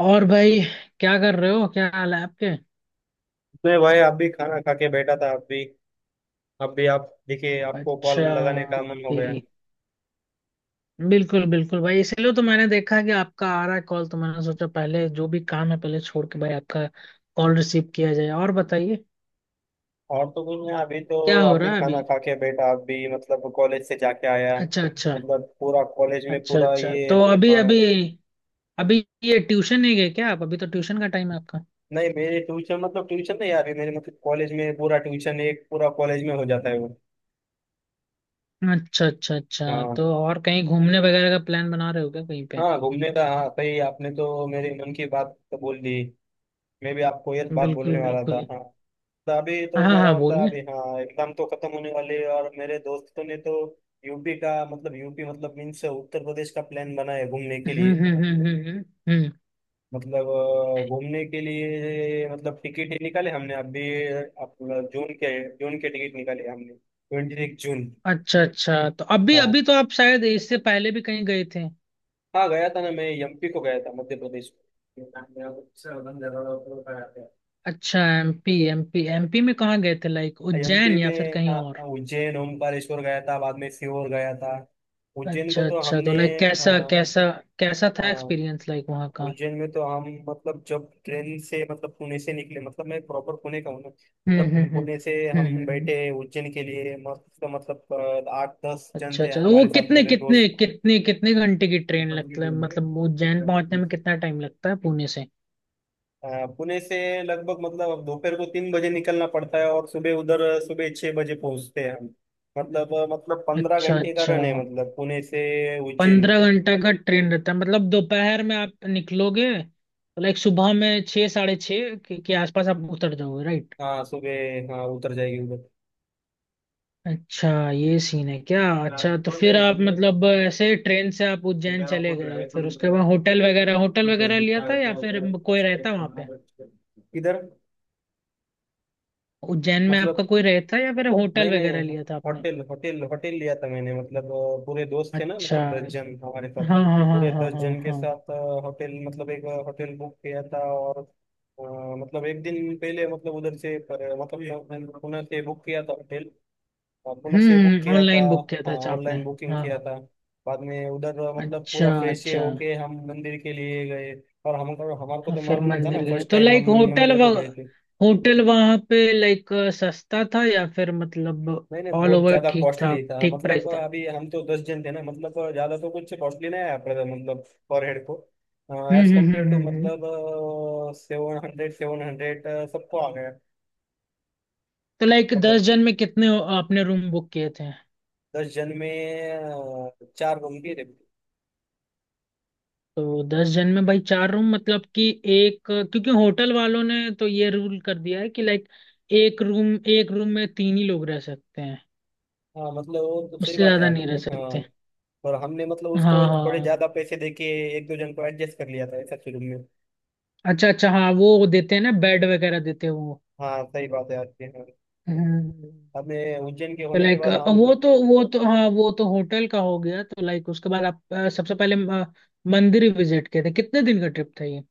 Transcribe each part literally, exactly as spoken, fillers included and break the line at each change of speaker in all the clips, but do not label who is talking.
और भाई, क्या कर रहे हो? क्या हाल है आपके?
नहीं भाई, आप भी खाना खा के बैठा था। आप भी अब भी आप दिखे, आपको कॉल
अच्छा।
लगाने का मन हो गया।
भी। बिल्कुल बिल्कुल भाई, इसलिए तो मैंने देखा कि आपका आ रहा है कॉल, तो मैंने सोचा पहले जो भी काम है पहले छोड़ के भाई आपका कॉल रिसीव किया जाए। और बताइए,
और तो कुछ नहीं, अभी तो
क्या हो
आप भी
रहा है अभी?
खाना खा के बैठा। आप भी मतलब कॉलेज से जाके आया।
अच्छा अच्छा
मतलब पूरा कॉलेज में
अच्छा
पूरा
अच्छा।
ये,
तो अभी
हाँ।
अभी अभी ये ट्यूशन नहीं गए क्या आप? अभी तो ट्यूशन का टाइम है आपका।
नहीं, मेरे ट्यूशन मतलब ट्यूशन नहीं यार, मेरे मतलब कॉलेज में पूरा ट्यूशन एक पूरा कॉलेज में हो जाता है वो।
अच्छा अच्छा अच्छा।
हाँ।
तो और कहीं घूमने वगैरह का प्लान बना रहे हो क्या कहीं पे?
हाँ घूमने का, हाँ सही, आपने तो मेरे मन की बात तो बोल दी। मैं भी आपको ये बात
बिल्कुल
बोलने वाला था,
बिल्कुल।
हाँ। अभी तो
हाँ
मेरा
हाँ,
मतलब
बोलिए।
अभी हाँ एग्जाम तो खत्म होने वाले है, और मेरे दोस्तों ने तो यूपी का मतलब यूपी मतलब मीन्स उत्तर प्रदेश का प्लान बना है घूमने के
हम्म
लिए।
हम्म हम्म हम्म हम्म हम्म।
मतलब अ, घूमने के लिए मतलब टिकट ही निकाले हमने अभी। अपना जून के जून के टिकट निकाले हमने, ट्वेंटी जून।
अच्छा अच्छा। तो अभी
हाँ।
अभी तो आप शायद इससे पहले भी कहीं गए थे?
हाँ, गया था ना, मैं एमपी को गया था, मध्य प्रदेश को।
अच्छा, एमपी एमपी एमपी में कहाँ गए थे, लाइक
एमपी
उज्जैन या फिर
में
कहीं और?
हाँ, उज्जैन, ओमकारेश्वर गया था, बाद में सीहोर गया था, उज्जैन को
अच्छा
तो
अच्छा।
हमने।
तो लाइक कैसा कैसा कैसा था
हाँ,
एक्सपीरियंस, लाइक वहाँ का?
उज्जैन में तो हम मतलब जब ट्रेन से मतलब पुणे से निकले, मतलब मैं प्रॉपर पुणे का हूँ ना।
हम्म
मतलब
हम्म हम्म
पुणे से
हम्म
हम
हम्म, हम्म।
बैठे उज्जैन के लिए, मस्त तो मतलब अ, आठ दस जन
अच्छा
थे
अच्छा। तो वो
हमारे साथ,
कितने
मेरे
कितने
दोस्त।
कितने कितने घंटे की ट्रेन लगता है, मतलब उज्जैन पहुंचने में कितना टाइम लगता है पुणे से?
अ, पुणे से लगभग मतलब अब दोपहर को तीन बजे निकलना पड़ता है, और सुबह उधर सुबह छह बजे पहुंचते हैं हम। मतलब अ, मतलब पंद्रह
अच्छा
घंटे का
अच्छा।
रन है मतलब पुणे से उज्जैन।
पंद्रह घंटा का ट्रेन रहता है, मतलब दोपहर में आप निकलोगे तो लाइक सुबह में छः साढ़े छः के, के आसपास आप उतर जाओगे, राइट?
हाँ सुबह, हाँ उतर जाएगी।
अच्छा, ये सीन है क्या? अच्छा तो फिर
उधर
आप मतलब ऐसे ट्रेन से आप उज्जैन
वगैरह
चले
बहुत
गए,
लड़ाई
फिर
थोड़ी,
उसके बाद होटल वगैरह
तो
होटल वगैरह
पेंटिंग
लिया
का
था
क्या
या
होता
फिर
है,
कोई
बस-
रहता
बस
वहां
यहाँ
पे?
पर- इधर
उज्जैन में आपका
मतलब।
कोई रहता या फिर
नहीं
होटल वगैरह
नहीं,
लिया था आपने?
होटल होटल होटल लिया था मैंने। मतलब अ, पूरे दोस्त थे ना,
अच्छा।
मतलब दस जन हमारे साथ।
हाँ हाँ हाँ
पूरे
हाँ
दस
हाँ
जन के
हाँ।
साथ अ, होटल मतलब एक अ, होटल बुक किया था, और अ, मतलब एक दिन पहले मतलब उधर से पर, मतलब यहाँ- मैंने पुणे से बुक किया था होटल। अपोलो से बुक
हम्म
किया था।
ऑनलाइन बुक किया था
हाँ,
अच्छा आपने?
ऑनलाइन बुकिंग
हाँ
किया
हाँ।
था। बाद में उधर मतलब
अच्छा
पूरा फ्रेश ये
अच्छा,
होके हम मंदिर के लिए गए। और हमको हमारे को
हाँ,
तो
फिर
मालूम नहीं था ना,
मंदिर गए
फर्स्ट
तो
टाइम
लाइक
हम
होटल
मंदिर
व
को गए थे।
होटल वहां पे लाइक सस्ता था या फिर मतलब
नहीं नहीं,
ऑल
बहुत
ओवर
ज्यादा
ठीक
कॉस्टली
था?
था।
ठीक प्राइस
मतलब
था?
अभी हम तो दस जन थे ना, मतलब ज्यादा तो कुछ कॉस्टली नहीं आया पड़ा था मतलब पर हेड को।
हम्म
as
hmm hmm
compare to
हम्म हम्म।
मतलब सेवन हंड्रेड सेवन हंड्रेड सबको आ गया।
तो लाइक
मतलब
दस जन में कितने आपने रूम बुक किए थे?
दस जन में अ, चार रूम भी थे।
तो दस जन में भाई चार रूम, मतलब कि एक? क्योंकि होटल वालों ने तो ये रूल कर दिया है कि लाइक एक रूम एक रूम में तीन ही लोग रह सकते हैं,
हाँ मतलब वो तो सही
उससे
बात है
ज्यादा नहीं रह
आपकी, हाँ।
सकते।
और हमने मतलब
हाँ
उसको थोड़े
हाँ।
ज्यादा पैसे देके एक दो जन को एडजस्ट कर लिया था ऐसा शुरू में।
अच्छा अच्छा, हाँ, वो देते हैं ना, बेड वगैरह देते हैं वो।
हाँ सही बात है आपकी, हाँ।
हम्म।
हमें उज्जैन के होने के
लाइक
बाद हम
वो तो वो तो हाँ वो तो होटल का हो गया, तो लाइक उसके बाद आप अ, सबसे पहले अ, मंदिर विजिट किए थे? कितने दिन का ट्रिप था ये?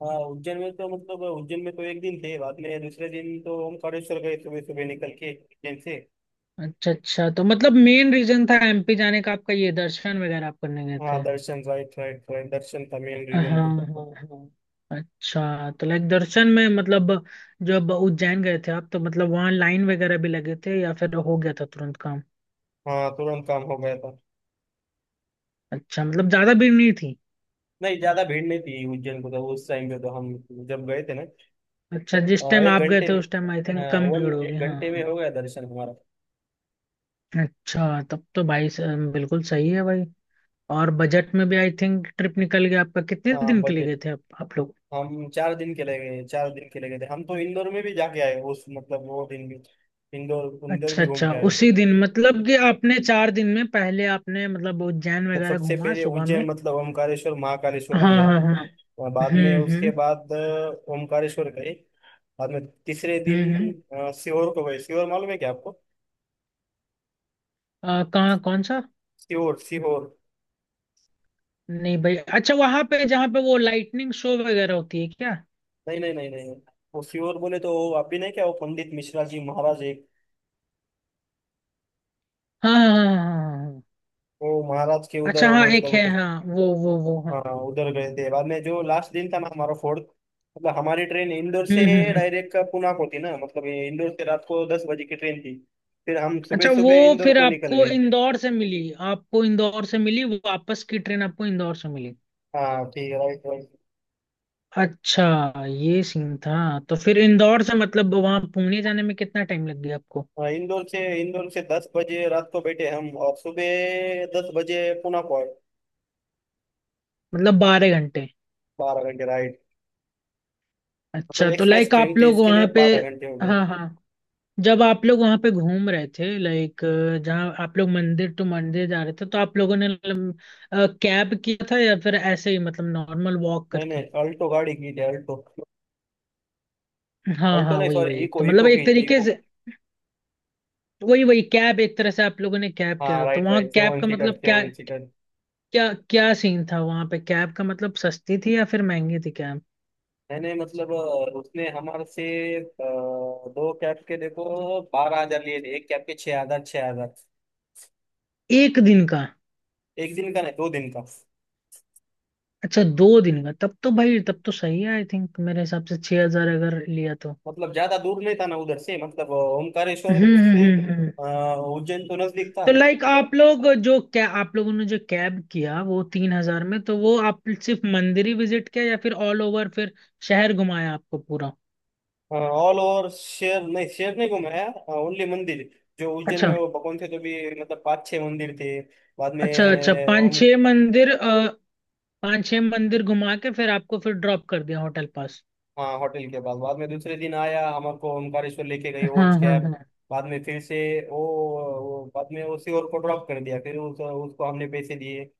हाँ उज्जैन में तो, मतलब उज्जैन में तो एक दिन थे, बाद में दूसरे दिन तो ओमकारेश्वर गए सुबह सुबह निकल के उज्जैन से।
अच्छा अच्छा। तो मतलब मेन रीजन था एम पी जाने का आपका ये, दर्शन वगैरह आप करने गए
हाँ
थे?
दर्शन, राइट राइट राइट, दर्शन था मेन
हाँ
रीजन
हाँ
तो।
हाँ। अच्छा, तो लाइक दर्शन में मतलब जब उज्जैन गए थे आप, तो मतलब वहाँ लाइन वगैरह भी लगे थे या फिर हो गया था तुरंत काम?
हाँ, तुरंत काम हो गया था।
अच्छा, मतलब ज्यादा भीड़ नहीं थी?
नहीं, ज्यादा भीड़ नहीं थी उज्जैन को, तो उस टाइम पे तो हम जब गए थे ना।
अच्छा,
अ,
जिस टाइम
एक
आप गए
घंटे
थे
में,
उस टाइम आई थिंक
हाँ
कम
वन
भीड़ होगी,
एक
हाँ
घंटे में
हाँ।
हो गया दर्शन हमारा।
अच्छा तब तो भाई स- बिल्कुल सही है भाई। और बजट में भी आई थिंक ट्रिप निकल गया आपका। कितने
हाँ
दिन के लिए
बजट,
गए थे आप आप लोग?
हम चार दिन के लिए गए चार दिन के लिए गए थे हम। तो इंदौर में भी जाके आए उस मतलब वो दिन भी, इंदौर इंदौर
अच्छा
भी घूम
अच्छा।
के आए।
उसी दिन मतलब कि आपने चार दिन में पहले आपने मतलब उज्जैन
तो
वगैरह
सबसे
घूमा
पहले
सुबह में?
उज्जैन मतलब ओमकारेश्वर महाकालेश्वर
हाँ
किया,
हाँ हाँ।
और बाद में
हम्म
उसके
हम्म
बाद अ, ओमकारेश्वर गए। बाद में तीसरे
हम्म हम्म
दिन अ, सीहोर को गए। सीहोर मालूम है क्या आपको?
अ, कहाँ कौन सा?
सीहोर सीहोर।
नहीं भाई, अच्छा वहां पे जहाँ पे वो लाइटनिंग शो वगैरह होती है क्या?
नहीं नहीं नहीं नहीं, वो सीहोर बोले तो वो आप भी नहीं क्या, वो पंडित मिश्रा जी महाराज एक,
हाँ हाँ हाँ हाँ हाँ, हाँ।
वो महाराज के उधर
अच्छा,
वो
हाँ एक
मतलब
है,
उधर।
हाँ वो वो वो हाँ।
हाँ उधर गए थे। बाद में जो लास्ट दिन था ना हमारा, फोर्थ मतलब, हमारी ट्रेन इंदौर से
हम्म हम्म हम्म।
डायरेक्ट पुणे को थी ना। मतलब ये इंदौर से रात को दस बजे की ट्रेन थी, फिर हम सुबह
अच्छा, वो,
सुबह इंदौर
फिर
को निकल
आपको
गए।
इंदौर से मिली, आपको इंदौर से मिली, वापस की ट्रेन आपको इंदौर से मिली?
हाँ ठीक है, राइट राइट।
अच्छा, ये सीन था। तो फिर इंदौर से मतलब वहां पुणे जाने में कितना टाइम लग गया आपको?
हाँ, इंदौर से इंदौर से दस बजे रात को बैठे हम, और सुबह दस बजे पुणे को आए।
मतलब बारह घंटे?
बारह घंटे राइड, मतलब
अच्छा, तो
एक्सप्रेस
लाइक
ट्रेन
आप
थी
लोग
इसके लिए
वहां पे,
बारह घंटे हो गए।
हाँ हाँ, जब आप लोग वहां पे घूम रहे थे लाइक, जहाँ आप लोग मंदिर टू मंदिर जा रहे थे तो आप लोगों ने कैब किया था या फिर ऐसे ही मतलब नॉर्मल वॉक
नहीं नहीं,
करके?
अल्टो गाड़ी की थी, अल्टो।
हाँ
अल्टो
हाँ,
नहीं,
वही
सॉरी,
वही
इको
तो मतलब
इको
एक
की थी,
तरीके
इको।
से, वही वही कैब एक तरह से आप लोगों ने कैब किया
हाँ
था। तो
राइट
वहाँ
राइट,
कैब
सेवन
का
सीटर
मतलब क्या?
सेवन।
क्या क्या सीन था वहां पे कैब का, मतलब सस्ती थी या फिर महंगी थी कैब?
मैंने मतलब अ, उसने हमारे से अ, दो कैब के, देखो, बारह हजार लिए थे, एक कैब के छह हजार छह हजार।
एक दिन का?
एक दिन का नहीं, दो दिन का।
अच्छा, दो दिन का, तब तो भाई तब तो सही है आई थिंक। मेरे हिसाब से छह हजार अगर लिया तो,
मतलब ज्यादा दूर नहीं था ना उधर से, मतलब अ, ओमकारेश्वर
हम्म हम्म
से
हम्म, हम्म।
अ, उज्जैन तो नजदीक था।
तो लाइक आप लोग जो, क्या आप लोगों ने जो कैब किया वो तीन हजार में, तो वो आप सिर्फ मंदिर ही विजिट किया या फिर ऑल ओवर फिर शहर घुमाया आपको पूरा?
ऑल ओवर शहर नहीं, शहर नहीं घुमाया, ओनली मंदिर। जो उज्जैन में
अच्छा
वो भगवान थे तो भी मतलब पाँच छह मंदिर थे, बाद में।
अच्छा अच्छा। पांच छह मंदिर अ, पांच छह मंदिर घुमा के फिर आपको फिर ड्रॉप कर दिया होटल पास?
हाँ होटल के पास, बाद में दूसरे दिन आया, हमको ओमकारेश्वर लेके गई वो
हाँ हाँ
कैब।
हाँ।
बाद में फिर से वो वो बाद में उसी और को ड्रॉप कर दिया। फिर उस, उसको हमने पैसे दिए।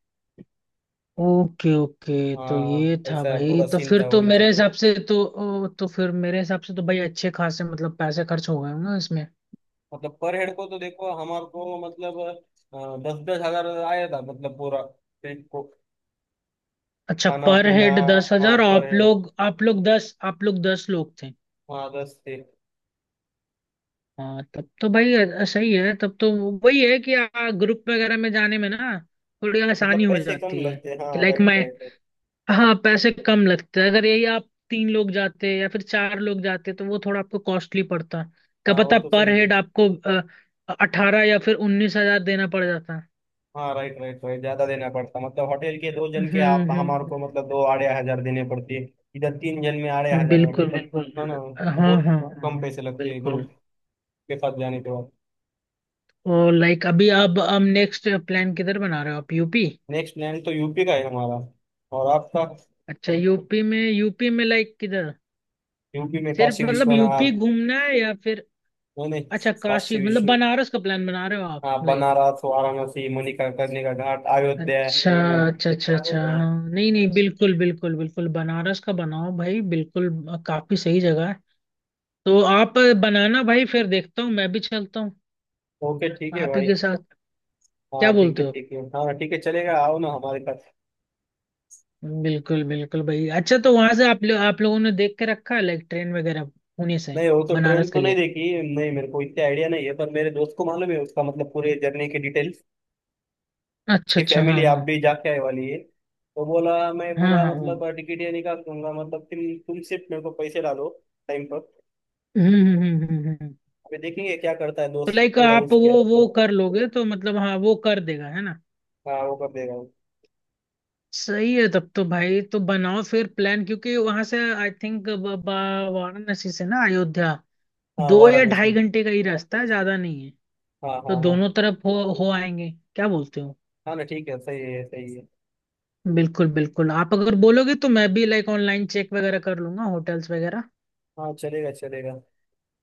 ओके ओके, तो
हाँ
ये था
ऐसा
भाई।
पूरा
तो
सीन
फिर
था
तो
वो
मेरे
दिन का।
हिसाब से तो ओ, तो फिर मेरे हिसाब से तो भाई अच्छे खासे मतलब पैसे खर्च हो गए होंगे ना इसमें?
मतलब पर हेड को तो देखो हमारे को, मतलब अ, दस दस हजार आया था, मतलब पूरा ट्रिप को,
अच्छा,
खाना
पर
पीना।
हेड दस
हाँ
हजार
पर
आप
हेड,
लोग आप लोग दस आप लोग दस लोग थे?
हाँ दस से।
हाँ तब तो भाई अ- सही है तब तो। वही है कि ग्रुप वगैरह में जाने में ना थोड़ी
मतलब
आसानी हो
पैसे कम
जाती है
लगते, हाँ
कि लाइक
राइट
मैं,
राइट है।
हाँ पैसे कम लगते हैं अगर यही आप तीन लोग जाते या फिर चार लोग जाते तो वो थोड़ा आपको कॉस्टली पड़ता, क्या
हाँ वो
पता
तो
पर
सही है।
हेड आपको अठारह या फिर उन्नीस हजार देना पड़ जाता।
हाँ राइट राइट राइट, ज्यादा देना पड़ता। मतलब होटल के दो जन के आप
हम्म
हमारे को
हम्म
मतलब दो आड़े हजार देने पड़ते। इधर तीन जन में आड़े
हम्म,
हजार है,
बिल्कुल
मतलब, है ना,
बिल्कुल। हाँ
बहुत
हाँ
कम
हाँ,
पैसे लगते हैं ग्रुप
बिल्कुल।
के साथ जाने के बाद।
और लाइक अभी आप हम नेक्स्ट प्लान किधर बना रहे हो आप? U P?
नेक्स्ट प्लान तो यूपी का है हमारा। और आपका?
अच्छा, यूपी में यूपी में लाइक किधर?
यूपी में
सिर्फ
काशी
मतलब यू पी
विश्वनाथ।
घूमना है या फिर?
नहीं नहीं।
अच्छा, काशी
काशी
मतलब
विश्व,
बनारस का प्लान बना रहे हो आप,
हाँ,
लाइक?
बनारस, वाराणसी, मणिका करने का घाट, अयोध्या।
अच्छा अच्छा अच्छा अच्छा, हाँ नहीं नहीं, बिल्कुल बिल्कुल बिल्कुल, बनारस का बनाओ भाई, बिल्कुल अ, काफी सही जगह है। तो आप अ, बनाना भाई, फिर देखता हूँ मैं भी चलता हूँ
ओके ठीक है
आप ही
भाई।
के साथ। क्या
हाँ ठीक
बोलते
है
हो?
ठीक है, हाँ ठीक है, चलेगा, आओ ना हमारे पास।
बिल्कुल बिल्कुल भाई। अच्छा तो वहां से आप लो, आप लोगों ने देख के रखा है लाइक ट्रेन वगैरह पुणे से
नहीं, वो तो ट्रेन
बनारस के
तो नहीं
लिए?
देखी, नहीं, मेरे को इतना आइडिया नहीं है, पर मेरे दोस्त को मालूम है, उसका मतलब पूरे जर्नी की डिटेल्स।
अच्छा
उसकी
अच्छा,
फैमिली
हाँ
आप
हाँ
भी जाके आए वाली है, तो बोला मैं
हाँ हाँ
पूरा
हाँ। हम्म
मतलब टिकट ये निकाल दूंगा, मतलब तुम तुम सिर्फ मेरे को पैसे डालो टाइम पर।
हम्म हम्म हम्म हम्म। हम्म।
अभी देखेंगे क्या करता है
तो
दोस्त,
लाइक
पूरा
आप
उसके
वो
हाथ
वो
में।
कर लोगे तो मतलब, हाँ वो कर देगा, है ना?
हाँ वो कर देगा, वो।
सही है तब तो भाई, तो बनाओ फिर प्लान, क्योंकि वहां से आई थिंक वाराणसी से ना अयोध्या
हाँ
दो या ढाई
वाराणसी।
घंटे का ही रास्ता है, ज्यादा नहीं है।
हाँ
तो
हाँ हाँ।
दोनों तरफ हो हो आएंगे। क्या बोलते हो?
हाँ ना, ठीक है, सही है सही है।
बिल्कुल बिल्कुल, आप अगर बोलोगे तो मैं भी लाइक ऑनलाइन चेक वगैरह कर लूंगा होटल्स वगैरह।
हाँ चलेगा चलेगा,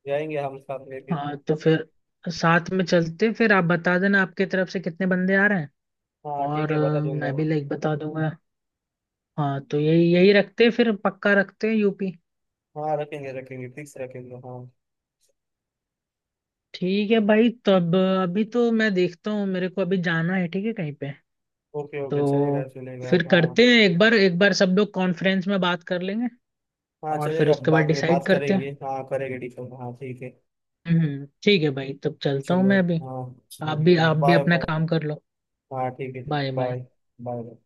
जाएंगे हम साथ में फिर।
हाँ, तो फिर साथ में चलते, फिर आप बता देना आपके तरफ से कितने बंदे आ रहे हैं।
हाँ ठीक
और
है, बता
अ,
दूंगा।
मैं भी लाइक बता दूंगा। हाँ तो यही यही रखते हैं, फिर पक्का रखते हैं यू पी।
हाँ रखेंगे रखेंगे, फिक्स रखेंगे, हाँ।
ठीक है भाई, तब अभी तो मैं देखता हूँ, मेरे को अभी जाना है ठीक है कहीं पे।
ओके ओके, चलेगा
तो
चलेगा,
फिर
हाँ।
करते हैं एक बार एक बार सब लोग कॉन्फ्रेंस में बात कर लेंगे,
हाँ
और फिर
चलेगा,
उसके बाद
बाद में
डिसाइड
बात
करते
करेंगे,
हैं।
हाँ, करेंगे डिस्कस, हाँ ठीक है।
हम्म ठीक है भाई, तब चलता हूँ
चलो।
मैं अभी।
हाँ।
आप भी
चलो,
आप भी
बाय
अपना
बाय।
काम कर लो।
हाँ ठीक है ठीक है,
बाय बाय।
बाय। बाय।